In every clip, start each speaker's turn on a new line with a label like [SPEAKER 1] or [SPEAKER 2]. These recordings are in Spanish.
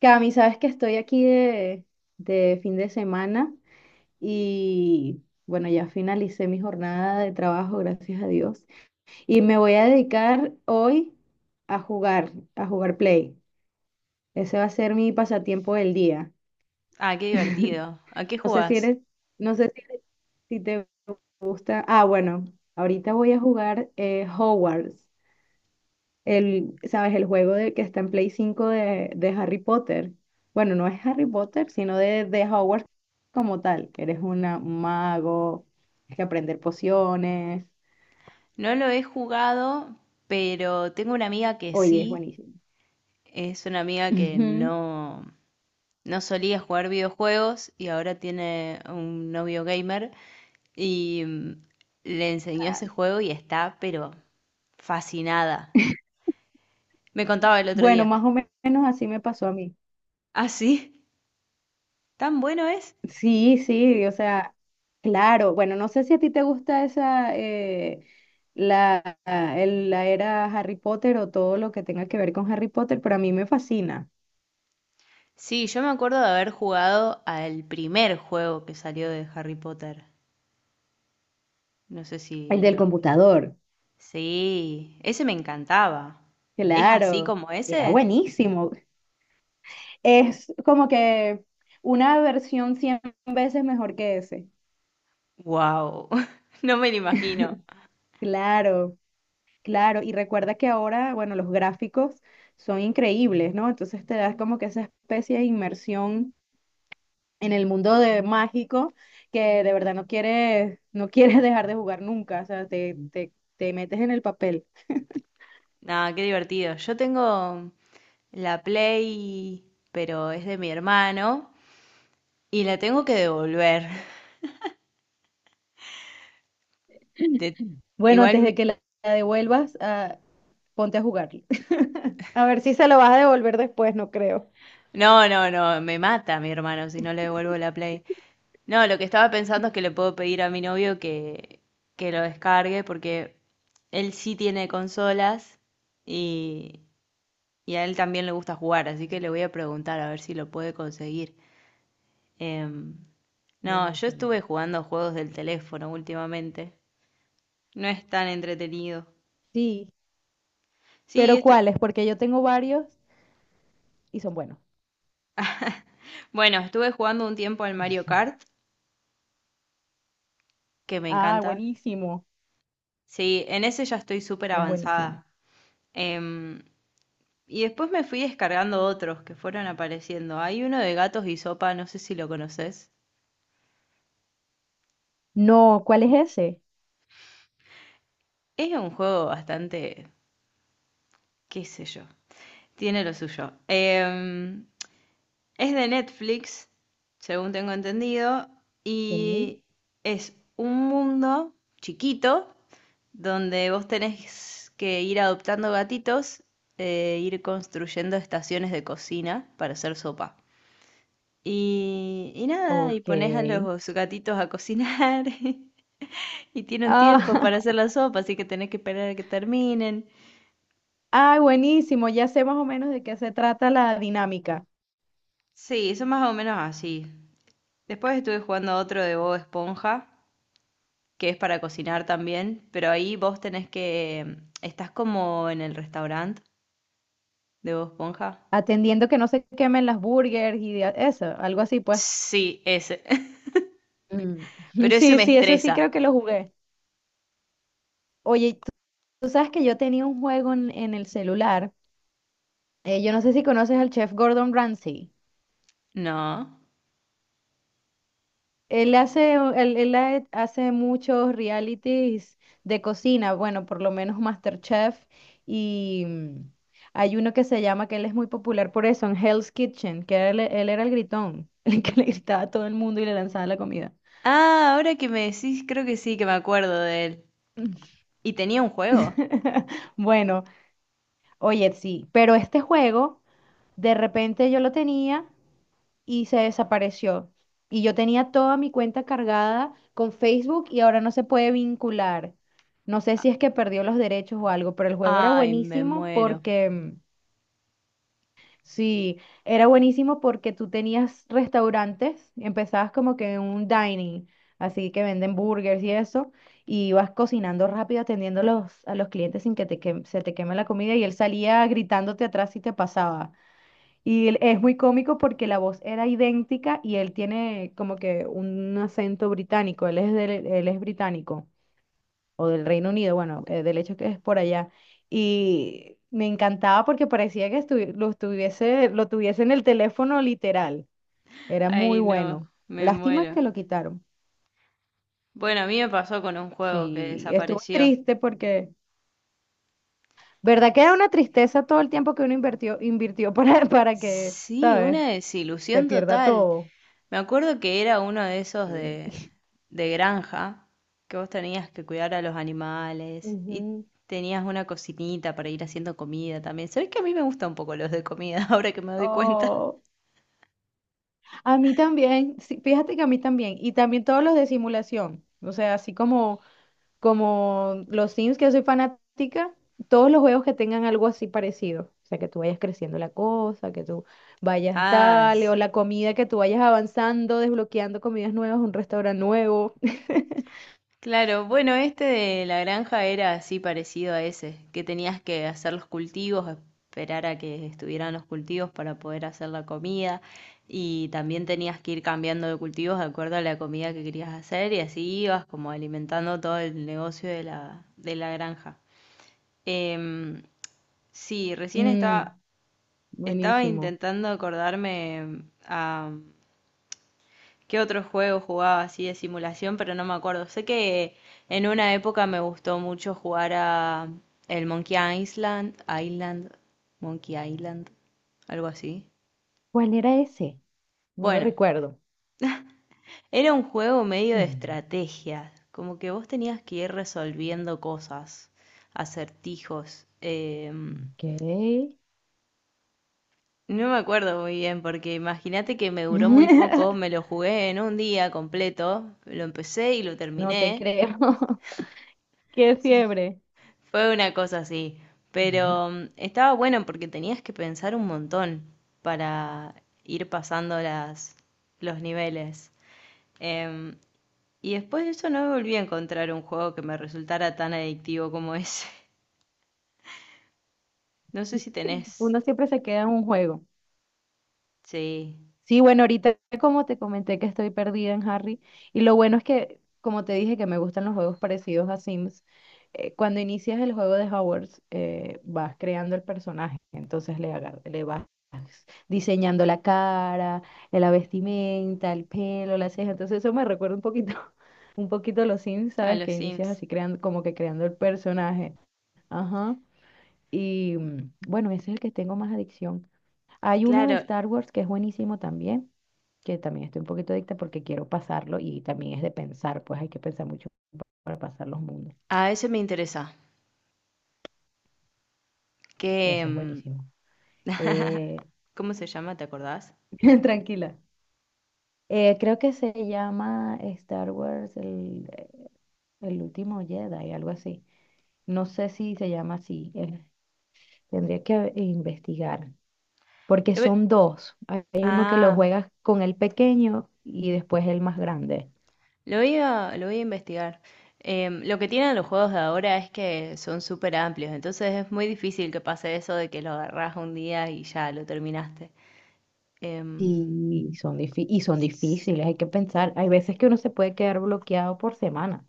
[SPEAKER 1] Cami, sabes que estoy aquí de fin de semana y bueno, ya finalicé mi jornada de trabajo, gracias a Dios. Y me voy a dedicar hoy a jugar Play. Ese va a ser mi pasatiempo del día.
[SPEAKER 2] Ah, qué divertido. ¿A qué
[SPEAKER 1] No sé si
[SPEAKER 2] jugás?
[SPEAKER 1] eres, no sé si te gusta. Ah, bueno, ahorita voy a jugar Hogwarts. ¿Sabes? El juego que está en Play 5 de Harry Potter. Bueno, no es Harry Potter, sino de Hogwarts como tal, que eres un mago, tienes que aprender pociones.
[SPEAKER 2] No lo he jugado, pero tengo una amiga que
[SPEAKER 1] Oye, es
[SPEAKER 2] sí.
[SPEAKER 1] buenísimo.
[SPEAKER 2] Es una amiga que
[SPEAKER 1] Ujú.
[SPEAKER 2] no, no solía jugar videojuegos y ahora tiene un novio gamer. Y le enseñó
[SPEAKER 1] Ah,
[SPEAKER 2] ese juego y está, pero fascinada. Me contaba el otro
[SPEAKER 1] bueno,
[SPEAKER 2] día.
[SPEAKER 1] más o menos así me pasó a mí.
[SPEAKER 2] ¿Ah, sí? ¿Tan bueno es?
[SPEAKER 1] Sí, sí, o sea, claro. Bueno, no sé si a ti te gusta la, la era Harry Potter o todo lo que tenga que ver con Harry Potter, pero a mí me fascina.
[SPEAKER 2] Sí, yo me acuerdo de haber jugado al primer juego que salió de Harry Potter. No sé
[SPEAKER 1] El
[SPEAKER 2] si
[SPEAKER 1] del
[SPEAKER 2] lo.
[SPEAKER 1] computador.
[SPEAKER 2] Sí, ese me encantaba. ¿Es así
[SPEAKER 1] Claro,
[SPEAKER 2] como
[SPEAKER 1] era
[SPEAKER 2] ese?
[SPEAKER 1] buenísimo. Es como que una versión 100 veces mejor que ese.
[SPEAKER 2] Wow, no me lo imagino.
[SPEAKER 1] Claro, claro. Y recuerda que ahora, bueno, los gráficos son increíbles, ¿no? Entonces te das como que esa especie de inmersión en el mundo de mágico que de verdad no quieres dejar de jugar nunca. O sea, te metes en el papel.
[SPEAKER 2] Nada, qué divertido. Yo tengo la Play, pero es de mi hermano y la tengo que devolver. De-
[SPEAKER 1] Bueno,
[SPEAKER 2] Igual,
[SPEAKER 1] antes de
[SPEAKER 2] mi-
[SPEAKER 1] que la devuelvas, ponte a jugarlo. A ver si se lo vas a devolver después, no creo.
[SPEAKER 2] no, no, no, me mata mi hermano si no le devuelvo la Play. No, lo que estaba pensando es que le puedo pedir a mi novio que lo descargue porque él sí tiene consolas y Y a él también le gusta jugar, así que le voy a preguntar a ver si lo puede conseguir. Em, no, yo
[SPEAKER 1] Buenísimo.
[SPEAKER 2] estuve jugando juegos del teléfono últimamente. No es tan entretenido.
[SPEAKER 1] Sí,
[SPEAKER 2] Sí,
[SPEAKER 1] pero ¿cuáles? Porque yo tengo varios y son buenos.
[SPEAKER 2] bueno, estuve jugando un tiempo al Mario Kart, que me
[SPEAKER 1] Ah,
[SPEAKER 2] encanta.
[SPEAKER 1] buenísimo.
[SPEAKER 2] Sí, en ese ya estoy súper
[SPEAKER 1] Es buenísimo.
[SPEAKER 2] avanzada. Em, y después me fui descargando otros que fueron apareciendo. Hay uno de gatos y sopa, no sé si lo conoces.
[SPEAKER 1] No, ¿cuál es ese?
[SPEAKER 2] Es un juego bastante, qué sé yo, tiene lo suyo. Es de Netflix, según tengo entendido,
[SPEAKER 1] Sí,
[SPEAKER 2] y es un mundo chiquito donde vos tenés que ir adoptando gatitos e ir construyendo estaciones de cocina para hacer sopa. Y nada, y
[SPEAKER 1] ok.
[SPEAKER 2] pones a los gatitos a cocinar y tienen tiempo
[SPEAKER 1] Ah,
[SPEAKER 2] para hacer la sopa, así que tenés que esperar a que terminen.
[SPEAKER 1] ah, buenísimo. Ya sé más o menos de qué se trata la dinámica.
[SPEAKER 2] Sí, son más o menos así. Después estuve jugando a otro de Bob Esponja, que es para cocinar también, pero ahí vos tenés que. ¿Estás como en el restaurante de Bob Esponja?
[SPEAKER 1] Atendiendo que no se quemen las burgers y eso, algo así, pues.
[SPEAKER 2] Sí, ese.
[SPEAKER 1] Mm.
[SPEAKER 2] Pero ese
[SPEAKER 1] Sí,
[SPEAKER 2] me
[SPEAKER 1] sí, ese sí
[SPEAKER 2] estresa.
[SPEAKER 1] creo que lo jugué. Oye, tú sabes que yo tenía un juego en el celular. Yo no sé si conoces al chef Gordon Ramsay.
[SPEAKER 2] No.
[SPEAKER 1] Él hace muchos realities de cocina, bueno, por lo menos MasterChef, y hay uno que se llama, que él es muy popular por eso, en Hell's Kitchen, que él era el gritón, el que le gritaba a todo el mundo y le lanzaba la comida.
[SPEAKER 2] Ah, ahora que me decís, creo que sí, que me acuerdo de él. ¿Y tenía un juego?
[SPEAKER 1] Bueno, oye, sí, pero este juego, de repente yo lo tenía, y se desapareció. Y yo tenía toda mi cuenta cargada con Facebook y ahora no se puede vincular. No sé si es que perdió los derechos o algo, pero el juego era
[SPEAKER 2] Ay, me
[SPEAKER 1] buenísimo
[SPEAKER 2] muero.
[SPEAKER 1] porque, sí, era buenísimo porque tú tenías restaurantes, empezabas como que en un dining, así que venden burgers y eso, y ibas cocinando rápido, atendiendo a los, clientes sin que, se te queme la comida y él salía gritándote atrás si te pasaba. Y es muy cómico porque la voz era idéntica y él tiene como que un acento británico, él es británico o del Reino Unido, bueno, del hecho que es por allá. Y me encantaba porque parecía que lo tuviese en el teléfono literal, era muy
[SPEAKER 2] Ay, no,
[SPEAKER 1] bueno.
[SPEAKER 2] me
[SPEAKER 1] Lástima
[SPEAKER 2] muero.
[SPEAKER 1] que lo quitaron.
[SPEAKER 2] Bueno, a mí me pasó con un juego que
[SPEAKER 1] Sí, estuvo
[SPEAKER 2] desapareció.
[SPEAKER 1] triste porque, ¿verdad que era
[SPEAKER 2] S-
[SPEAKER 1] una tristeza todo el tiempo que uno invirtió para, para que,
[SPEAKER 2] Sí,
[SPEAKER 1] ¿sabes?
[SPEAKER 2] una
[SPEAKER 1] Se
[SPEAKER 2] desilusión
[SPEAKER 1] pierda
[SPEAKER 2] total.
[SPEAKER 1] todo.
[SPEAKER 2] Me acuerdo que era uno de esos de,
[SPEAKER 1] Sí.
[SPEAKER 2] de granja, que vos tenías que cuidar a los animales y
[SPEAKER 1] Ujú.
[SPEAKER 2] tenías una cocinita para ir haciendo comida también. ¿Sabés que a mí me gustan un poco los de comida ahora que me doy cuenta?
[SPEAKER 1] Oh, a mí también, sí, fíjate que a mí también, y también todos los de simulación, o sea, así como los Sims, que yo soy fanática, todos los juegos que tengan algo así parecido, o sea, que tú vayas creciendo la cosa, que tú vayas
[SPEAKER 2] Ah,
[SPEAKER 1] tal, o la comida, que tú vayas avanzando, desbloqueando comidas nuevas, un restaurante nuevo.
[SPEAKER 2] claro, bueno, este de la granja era así parecido a ese, que tenías que hacer los cultivos, esperar a que estuvieran los cultivos para poder hacer la comida y también tenías que ir cambiando de cultivos de acuerdo a la comida que querías hacer y así ibas como alimentando todo el negocio de la, granja. Em, sí, recién
[SPEAKER 1] Mm,
[SPEAKER 2] estaba
[SPEAKER 1] Buenísimo.
[SPEAKER 2] intentando acordarme a. ¿Qué otro juego jugaba así de simulación? Pero no me acuerdo. Sé que en una época me gustó mucho jugar a el Monkey Island, Island, Island, algo así.
[SPEAKER 1] ¿Cuál era ese? No lo
[SPEAKER 2] Bueno,
[SPEAKER 1] recuerdo.
[SPEAKER 2] era un juego medio de
[SPEAKER 1] Mm,
[SPEAKER 2] estrategia, como que vos tenías que ir resolviendo cosas, acertijos. eh,
[SPEAKER 1] Ok.
[SPEAKER 2] no me acuerdo muy bien, porque imagínate que me duró muy poco, me lo jugué en un día completo, lo empecé y lo
[SPEAKER 1] No te
[SPEAKER 2] terminé.
[SPEAKER 1] creo. Qué fiebre.
[SPEAKER 2] Fue una cosa así, pero estaba bueno porque tenías que pensar un montón para ir pasando los niveles. Em, y después de eso no volví a encontrar un juego que me resultara tan adictivo como ese. No sé si tenés.
[SPEAKER 1] Uno siempre se queda en un juego.
[SPEAKER 2] Sí,
[SPEAKER 1] Sí, bueno, ahorita como te comenté que estoy perdida en Harry, y lo bueno es que, como te dije, que me gustan los juegos parecidos a Sims, cuando inicias el juego de Hogwarts, vas creando el personaje, entonces le vas diseñando la cara, la vestimenta, el pelo, las cejas, entonces eso me recuerda un poquito, un poquito a los Sims,
[SPEAKER 2] a
[SPEAKER 1] ¿sabes?
[SPEAKER 2] los
[SPEAKER 1] Que inicias
[SPEAKER 2] Sims.
[SPEAKER 1] así creando, como que creando el personaje. Ajá. Y bueno, ese es el que tengo más adicción. Hay uno de
[SPEAKER 2] Claro,
[SPEAKER 1] Star Wars que es buenísimo también, que también estoy un poquito adicta porque quiero pasarlo y también es de pensar, pues hay que pensar mucho para pasar los mundos.
[SPEAKER 2] a ese me interesa. ¿Qué,
[SPEAKER 1] Ese es buenísimo. Eh,
[SPEAKER 2] cómo se llama? ¿Te acordás?
[SPEAKER 1] tranquila. Creo que se llama Star Wars el, último Jedi, algo así. No sé si se llama así. Tendría que investigar, porque
[SPEAKER 2] Lo ve-
[SPEAKER 1] son dos. Hay uno que lo
[SPEAKER 2] Ah,
[SPEAKER 1] juegas con el pequeño y después el más grande.
[SPEAKER 2] lo voy a investigar. Lo que tienen los juegos de ahora es que son súper amplios, entonces es muy difícil que pase eso de que lo agarrás un día y ya lo terminaste.
[SPEAKER 1] Y son difíciles, hay que pensar. Hay veces que uno se puede quedar bloqueado por semana.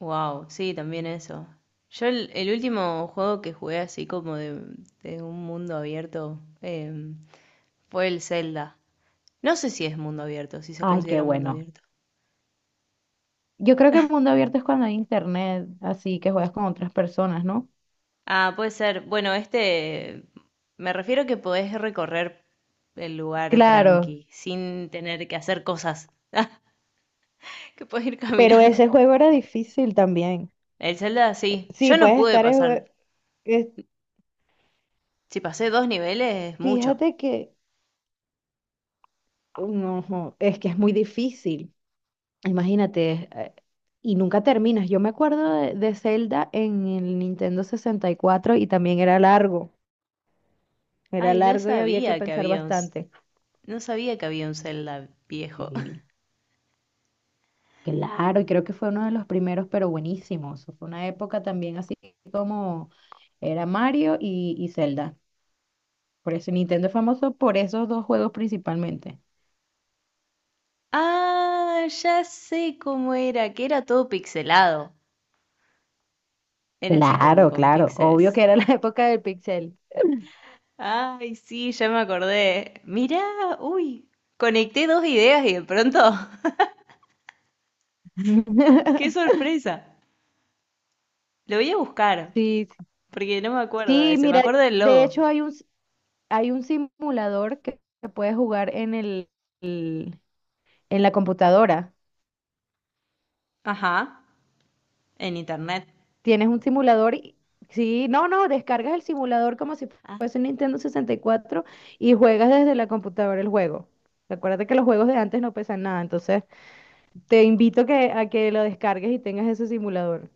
[SPEAKER 2] Wow, sí, también eso. Yo el último juego que jugué así como de un mundo abierto fue el Zelda. No sé si es mundo abierto, si se
[SPEAKER 1] Ay, qué
[SPEAKER 2] considera mundo
[SPEAKER 1] bueno.
[SPEAKER 2] abierto.
[SPEAKER 1] Yo creo que el mundo abierto es cuando hay internet, así que juegas con otras personas, ¿no?
[SPEAKER 2] Ah, puede ser. Bueno, me refiero que podés recorrer el lugar
[SPEAKER 1] Claro,
[SPEAKER 2] tranqui, sin tener que hacer cosas, que podés ir
[SPEAKER 1] pero
[SPEAKER 2] caminando.
[SPEAKER 1] ese juego era difícil también.
[SPEAKER 2] El Zelda, sí.
[SPEAKER 1] Sí,
[SPEAKER 2] Yo no
[SPEAKER 1] puedes
[SPEAKER 2] pude
[SPEAKER 1] estar en.
[SPEAKER 2] pasar.
[SPEAKER 1] es-
[SPEAKER 2] Si pasé dos niveles, es mucho.
[SPEAKER 1] Fíjate que. No, jo, es que es muy difícil. Imagínate, y nunca terminas. Yo me acuerdo de Zelda en el Nintendo 64 y también era largo. Era
[SPEAKER 2] Ay, no
[SPEAKER 1] largo y había que
[SPEAKER 2] sabía que
[SPEAKER 1] pensar
[SPEAKER 2] había un, s-
[SPEAKER 1] bastante.
[SPEAKER 2] no sabía que había un Zelda viejo.
[SPEAKER 1] Sí, claro, y creo que fue uno de los primeros, pero buenísimo. Eso fue una época también así como era Mario y Zelda. Por eso Nintendo es famoso por esos dos juegos principalmente.
[SPEAKER 2] Ah, ya sé cómo era, que era todo pixelado. Era así como
[SPEAKER 1] Claro,
[SPEAKER 2] con
[SPEAKER 1] claro. Obvio que
[SPEAKER 2] píxeles.
[SPEAKER 1] era la época del pixel.
[SPEAKER 2] Ay, sí, ya me acordé. Mirá, uy, conecté dos ideas y de pronto, qué sorpresa. Lo voy a buscar,
[SPEAKER 1] Sí, sí,
[SPEAKER 2] porque no me acuerdo de
[SPEAKER 1] sí,
[SPEAKER 2] ese, me
[SPEAKER 1] mira,
[SPEAKER 2] acuerdo del
[SPEAKER 1] de
[SPEAKER 2] logo.
[SPEAKER 1] hecho hay un simulador que puedes jugar en el- en la computadora.
[SPEAKER 2] Ajá, en internet.
[SPEAKER 1] Tienes un simulador y sí, no, no, descargas el simulador como si
[SPEAKER 2] Ah,
[SPEAKER 1] fuese un Nintendo 64 y juegas desde la computadora el juego. Acuérdate que los juegos de antes no pesan nada, entonces te invito a que lo descargues y tengas ese simulador.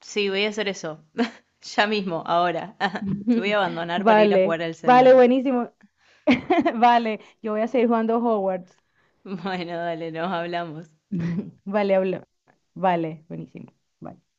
[SPEAKER 2] sí, voy a hacer eso. Ya mismo, ahora. Te voy a abandonar para ir a
[SPEAKER 1] Vale,
[SPEAKER 2] jugar al Zelda.
[SPEAKER 1] vale, buenísimo. Vale, yo voy a seguir jugando Hogwarts.
[SPEAKER 2] Bueno, dale, nos hablamos.
[SPEAKER 1] Vale, habla. Vale, buenísimo. Bye.